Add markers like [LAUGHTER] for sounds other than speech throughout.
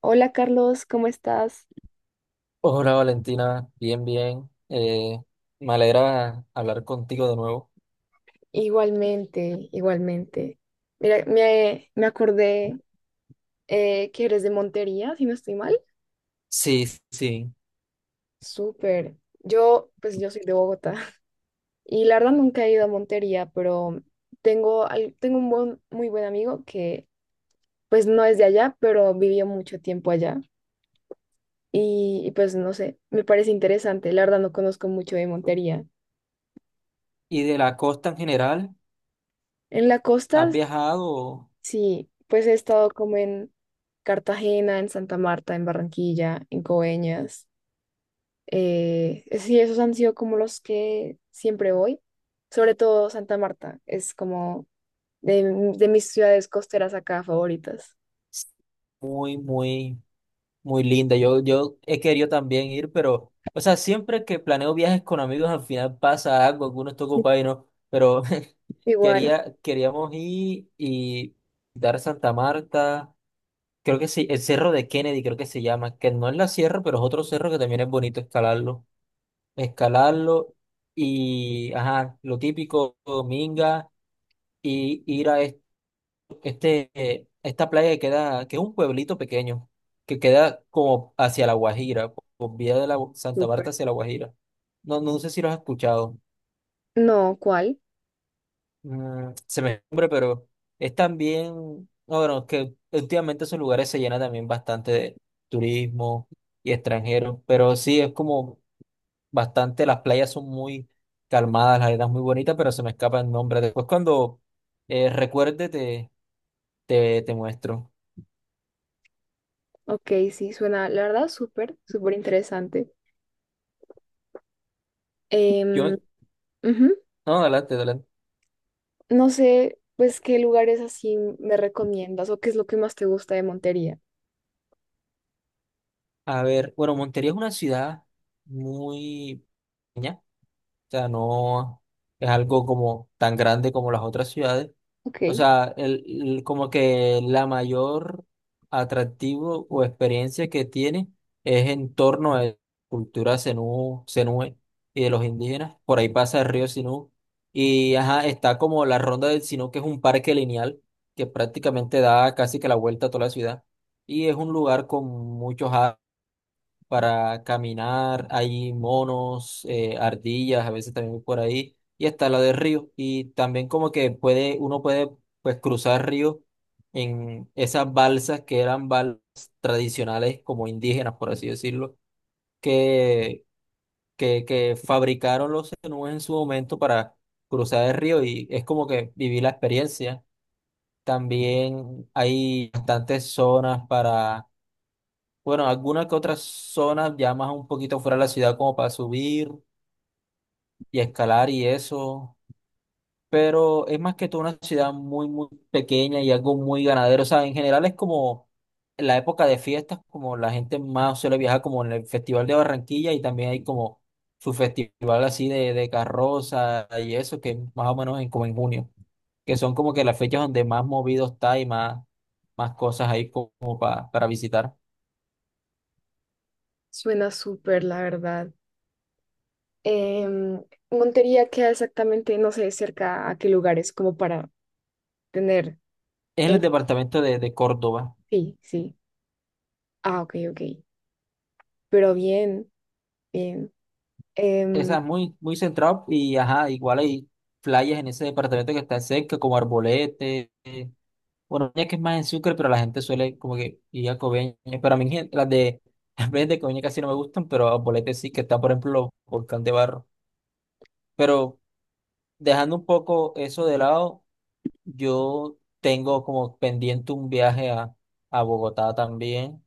Hola Carlos, ¿cómo estás? Hola Valentina, bien, bien. Me alegra hablar contigo de nuevo. Igualmente, igualmente. Mira, me acordé que eres de Montería, si no estoy mal. Sí, sí. Súper. Pues yo soy de Bogotá [LAUGHS] y la verdad nunca he ido a Montería, pero tengo, al- tengo un buen- muy buen amigo que pues no es de allá, pero vivió mucho tiempo allá pues no sé, me parece interesante. La verdad no conozco mucho de Montería. ¿Y de la costa en general? En la costa, ¿Has viajado? sí, pues he estado como en Cartagena, en Santa Marta, en Barranquilla, en Coveñas. Sí, esos han sido como los que siempre voy. Sobre todo Santa Marta, es como de, de mis ciudades costeras acá favoritas. Muy, muy, muy linda. Yo he querido también ir, pero, o sea, siempre que planeo viajes con amigos, al final pasa algo, algunos está ocupado y no, pero [LAUGHS] Igual, quería, queríamos ir y dar Santa Marta, creo que sí, el Cerro de Kennedy, creo que se llama, que no es la sierra, pero es otro cerro que también es bonito escalarlo y, ajá, lo típico, minga, y ir a esta playa que queda, que es un pueblito pequeño, que queda como hacia La Guajira, por vía de la Gu- Santa súper. Marta hacia La Guajira. No, no sé si lo has escuchado. No, ¿cuál? Se me nombre, pero es también, no, bueno, que últimamente esos lugares se llenan también bastante de turismo y extranjeros, pero sí es como bastante, las playas son muy calmadas, la arena es muy bonita, pero se me escapa el nombre. Después cuando recuerde te muestro. Ok, sí, suena, la verdad, súper, súper interesante. Em, Yo, ujú. no, adelante, adelante. No sé, pues, qué lugares así me recomiendas o qué es lo que más te gusta de Montería. A ver, bueno, Montería es una ciudad muy pequeña, o sea, no es algo como tan grande como las otras ciudades. Ok. O sea, como que la mayor atractivo o experiencia que tiene es en torno a la cultura zenú, zenúe y de los indígenas. Por ahí pasa el río Sinú. Y ajá, está como la Ronda del Sinú, que es un parque lineal que prácticamente da casi que la vuelta a toda la ciudad. Y es un lugar con muchos árboles para caminar, hay monos, ardillas, a veces también por ahí, y está la de río. Y también como que puede, uno puede pues cruzar ríos en esas balsas que eran balsas tradicionales como indígenas, por así decirlo, que, que fabricaron los zenúes en su momento para cruzar el río y es como que viví la experiencia. También hay bastantes zonas para bueno, algunas que otras zonas ya más un poquito fuera de la ciudad como para subir y escalar y eso, pero es más que todo una ciudad muy, muy pequeña y algo muy ganadero. O sea, en general es como la época de fiestas, como la gente más suele viajar como en el Festival de Barranquilla y también hay como su festival así de carroza y eso, que es más o menos en, como en junio, que son como que las fechas donde más movido está y más, más cosas ahí como, para visitar. Suena súper, la verdad. Em, Montería queda exactamente, no sé, cerca a qué lugares, como para tener Es en el en... departamento de Córdoba. Sí, sí. Ah, ok, ok. Pero bien, bien. Em, Esa es muy, muy central y ajá, igual hay playas en ese departamento que está cerca, como Arbolete. Bueno, ya que es más en Sucre, pero la gente suele como que ir a Coveñas. Pero a mí gen- las de, [LAUGHS] las playas de Coveñas casi no me gustan, pero Arbolete sí, que está, por ejemplo, Volcán de Barro. Pero dejando un poco eso de lado, yo tengo como pendiente un viaje a Bogotá también.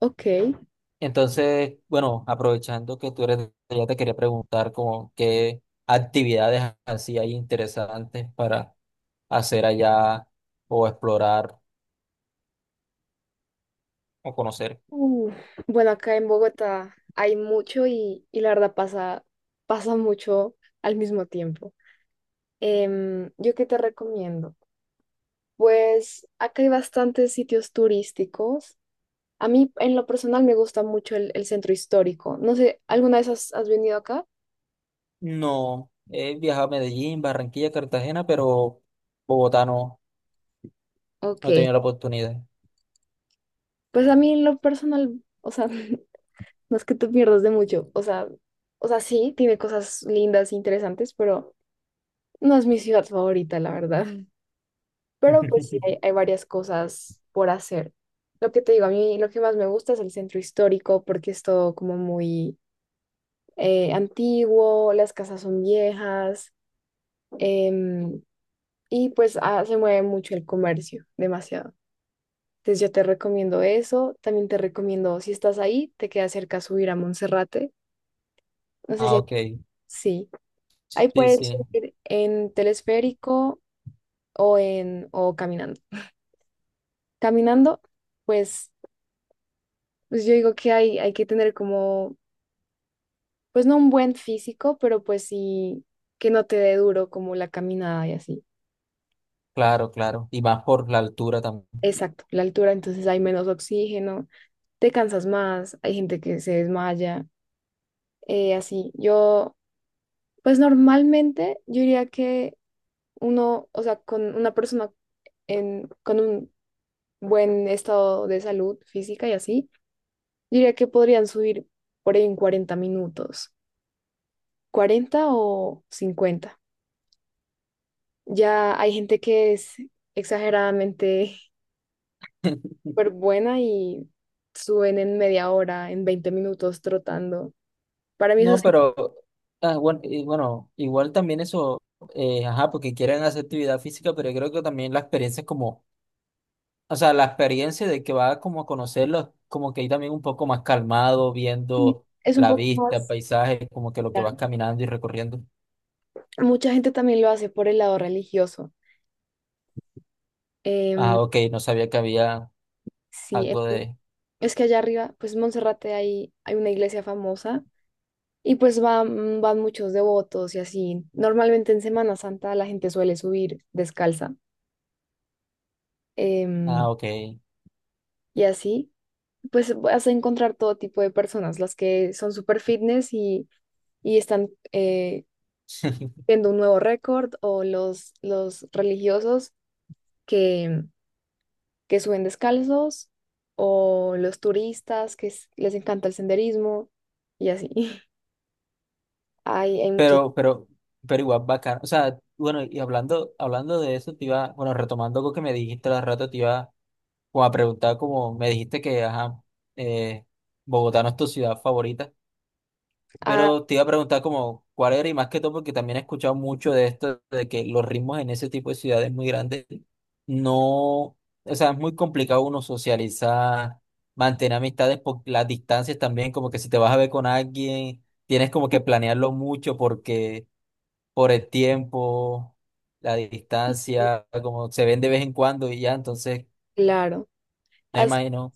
ok. Entonces, bueno, aprovechando que tú eres de allá, te quería preguntar como qué actividades así hay interesantes para hacer allá o explorar o conocer. Uh, bueno, acá en Bogotá hay mucho y, pasa mucho al mismo tiempo. ¿Yo qué te recomiendo? Pues acá hay bastantes sitios turísticos. A mí, en lo personal, me gusta mucho el centro histórico. No sé, ¿alguna vez has venido acá? No, he viajado a Medellín, Barranquilla, Cartagena, pero Bogotá no, Ok. no he tenido la oportunidad. Pues a mí, en lo personal, o sea, [LAUGHS] no es que te pierdas de mucho. O sea, sí, tiene cosas lindas, interesantes, pero no es mi ciudad favorita, la verdad. Mm. [LAUGHS] Pero pues sí, [LAUGHS] hay varias cosas por hacer. Lo que te digo, a mí lo que más me gusta es el centro histórico porque es todo como muy antiguo, las casas son viejas. em, Y pues ah, se mueve mucho el comercio, demasiado. Entonces yo te recomiendo eso. También te recomiendo, si estás ahí, te queda cerca subir a Monserrate. No sé si Ah, hay- ok. sí. Ahí Sí, puedes sí, subir en telesférico o en o caminando. Caminando, pues, pues yo digo que hay que tener como, pues no un buen físico, pero pues sí que no te dé duro como la caminada y así. claro, claro. Y más por la altura también. Exacto, la altura, entonces hay menos oxígeno, te cansas más, hay gente que se desmaya. eh, así, yo, pues normalmente yo diría que uno, o sea, con una persona con un buen estado de salud física y así, yo diría que podrían subir por ahí en 40 minutos, 40 o 50. Ya hay gente que es exageradamente [LAUGHS] [LAUGHS] súper buena y suben en media hora, en 20 minutos trotando. Para mí eso No, sí pero ah, bueno, y bueno, igual también eso, ajá, porque quieren hacer actividad física, pero yo creo que también la experiencia es como, o sea, la experiencia de que va como a conocerlo, como que ahí también un poco más calmado, viendo Es un la poco vista, el más... paisaje, como que lo que vas claro. caminando y recorriendo. Mucha gente también lo hace por el lado religioso. Em, Ah, ok, no sabía que había Sí, algo de, es que allá arriba, pues Monserrate hay una iglesia famosa y pues van muchos devotos y así. Normalmente en Semana Santa la gente suele subir descalza, ah, em, ok, y así, pues vas a encontrar todo tipo de personas, las que son super fitness y están viendo un nuevo récord o los religiosos que, que suben descalzos o los turistas que les encanta el senderismo y así. [LAUGHS] Hay muchos. pero, pero, pero igual bacán. O sea, bueno, y hablando, hablando de eso, te iba, bueno, retomando algo que me dijiste hace rato, te iba o a preguntar como me dijiste que, ajá, eh, Bogotá no es tu ciudad favorita, Ah, pero te iba a preguntar como cuál era y más que todo porque también he escuchado mucho de esto, de que los ritmos en ese tipo de ciudades muy grandes no, o sea, es muy complicado uno socializar, mantener amistades por las distancias también, como que si te vas a ver con alguien, tienes como que planearlo mucho porque por el tiempo, la sí, distancia, como se ven de vez en cuando y ya, entonces... claro. No As- imagino.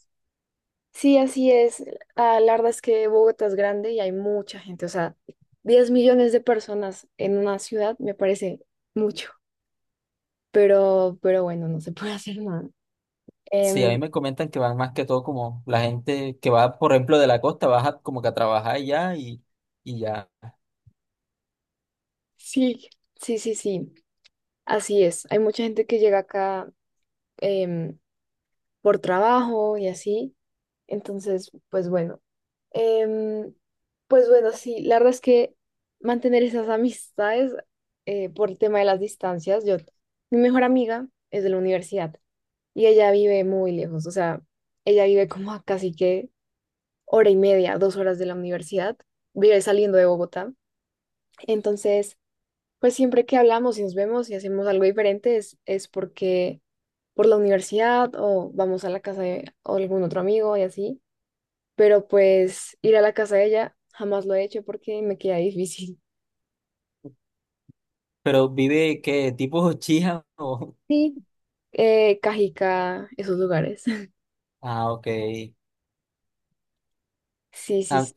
sí, así es. Ah, la verdad es que Bogotá es grande y hay mucha gente. O sea, 10 millones de personas en una ciudad me parece mucho. Pero bueno, no se [LAUGHS] puede hacer nada. Sí, a Em, mí me comentan que van más que todo como la gente que va, por ejemplo, de la costa, baja como que a trabajar ya y ya. sí, sí, sí, sí. Así es. Hay mucha gente que llega acá, em, por trabajo y así. Entonces, pues bueno. Em, pues bueno, sí, la verdad es que mantener esas amistades, por el tema de las distancias, yo, mi mejor amiga es de la universidad y ella vive muy lejos, o sea, ella vive como a casi que hora y media, 2 horas de la universidad, vive saliendo de Bogotá, entonces, pues siempre que hablamos y nos vemos y hacemos algo diferente es porque por la universidad o vamos a la casa de algún otro amigo y así, pero pues ir a la casa de ella jamás lo he hecho porque me queda difícil. [LAUGHS] Pero vive, ¿qué? ¿Tipo chija [LAUGHS] o...? Sí, Cajica, esos lugares. [LAUGHS] Ah, ok. Sí, sí, Ah, sí.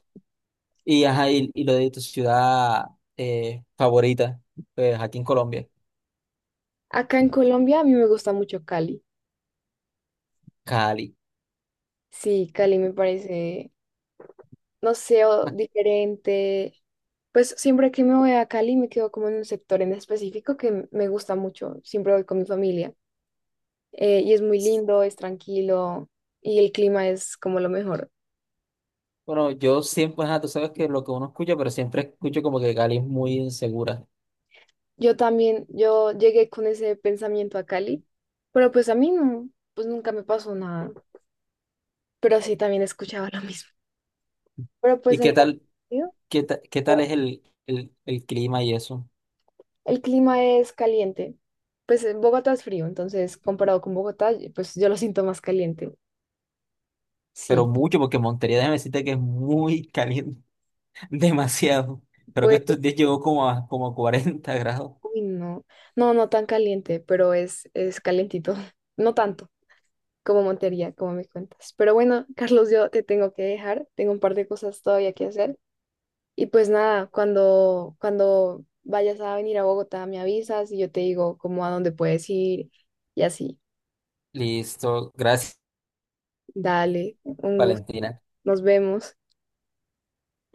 y, ajá, y lo de tu ciudad favorita, pues aquí en Colombia, Acá en Colombia a mí me gusta mucho Cali. Cali. Sí, Cali me parece, no sé, [LAUGHS] diferente. Pues siempre que me voy a Cali me quedo como en un sector en específico que me gusta mucho. Siempre voy con mi familia. Y es muy lindo, es tranquilo y el clima es como lo mejor. Bueno, yo siempre, ajá, tú sabes que lo que uno escucha, pero siempre escucho como que Cali es muy insegura. Yo también, yo llegué con ese pensamiento a Cali, pero pues a mí no, pues nunca me pasó nada, pero sí también escuchaba [LAUGHS] lo mismo. Pero pues ¿Y en qué la... tal, ¿sí? qué, ta- qué tal es el clima y eso? El clima es caliente, pues en Bogotá es frío, entonces comparado con Bogotá, pues yo lo siento más caliente, Pero sí. mucho, porque Montería, déjame decirte que es muy [LAUGHS] caliente. [LAUGHS] Demasiado. Creo que Pues, estos días llegó como a, como a 40 [LAUGHS] grados. uy, no, no, no tan caliente, pero es calientito, [LAUGHS] no tanto como Montería, como me cuentas. Pero bueno, Carlos, yo te tengo que dejar, tengo un par de cosas todavía que hacer. Y pues nada, cuando vayas a venir a Bogotá, me avisas y yo te digo como a dónde puedes ir y así. Listo. Gracias, Dale, un gusto. Valentina. Nos vemos.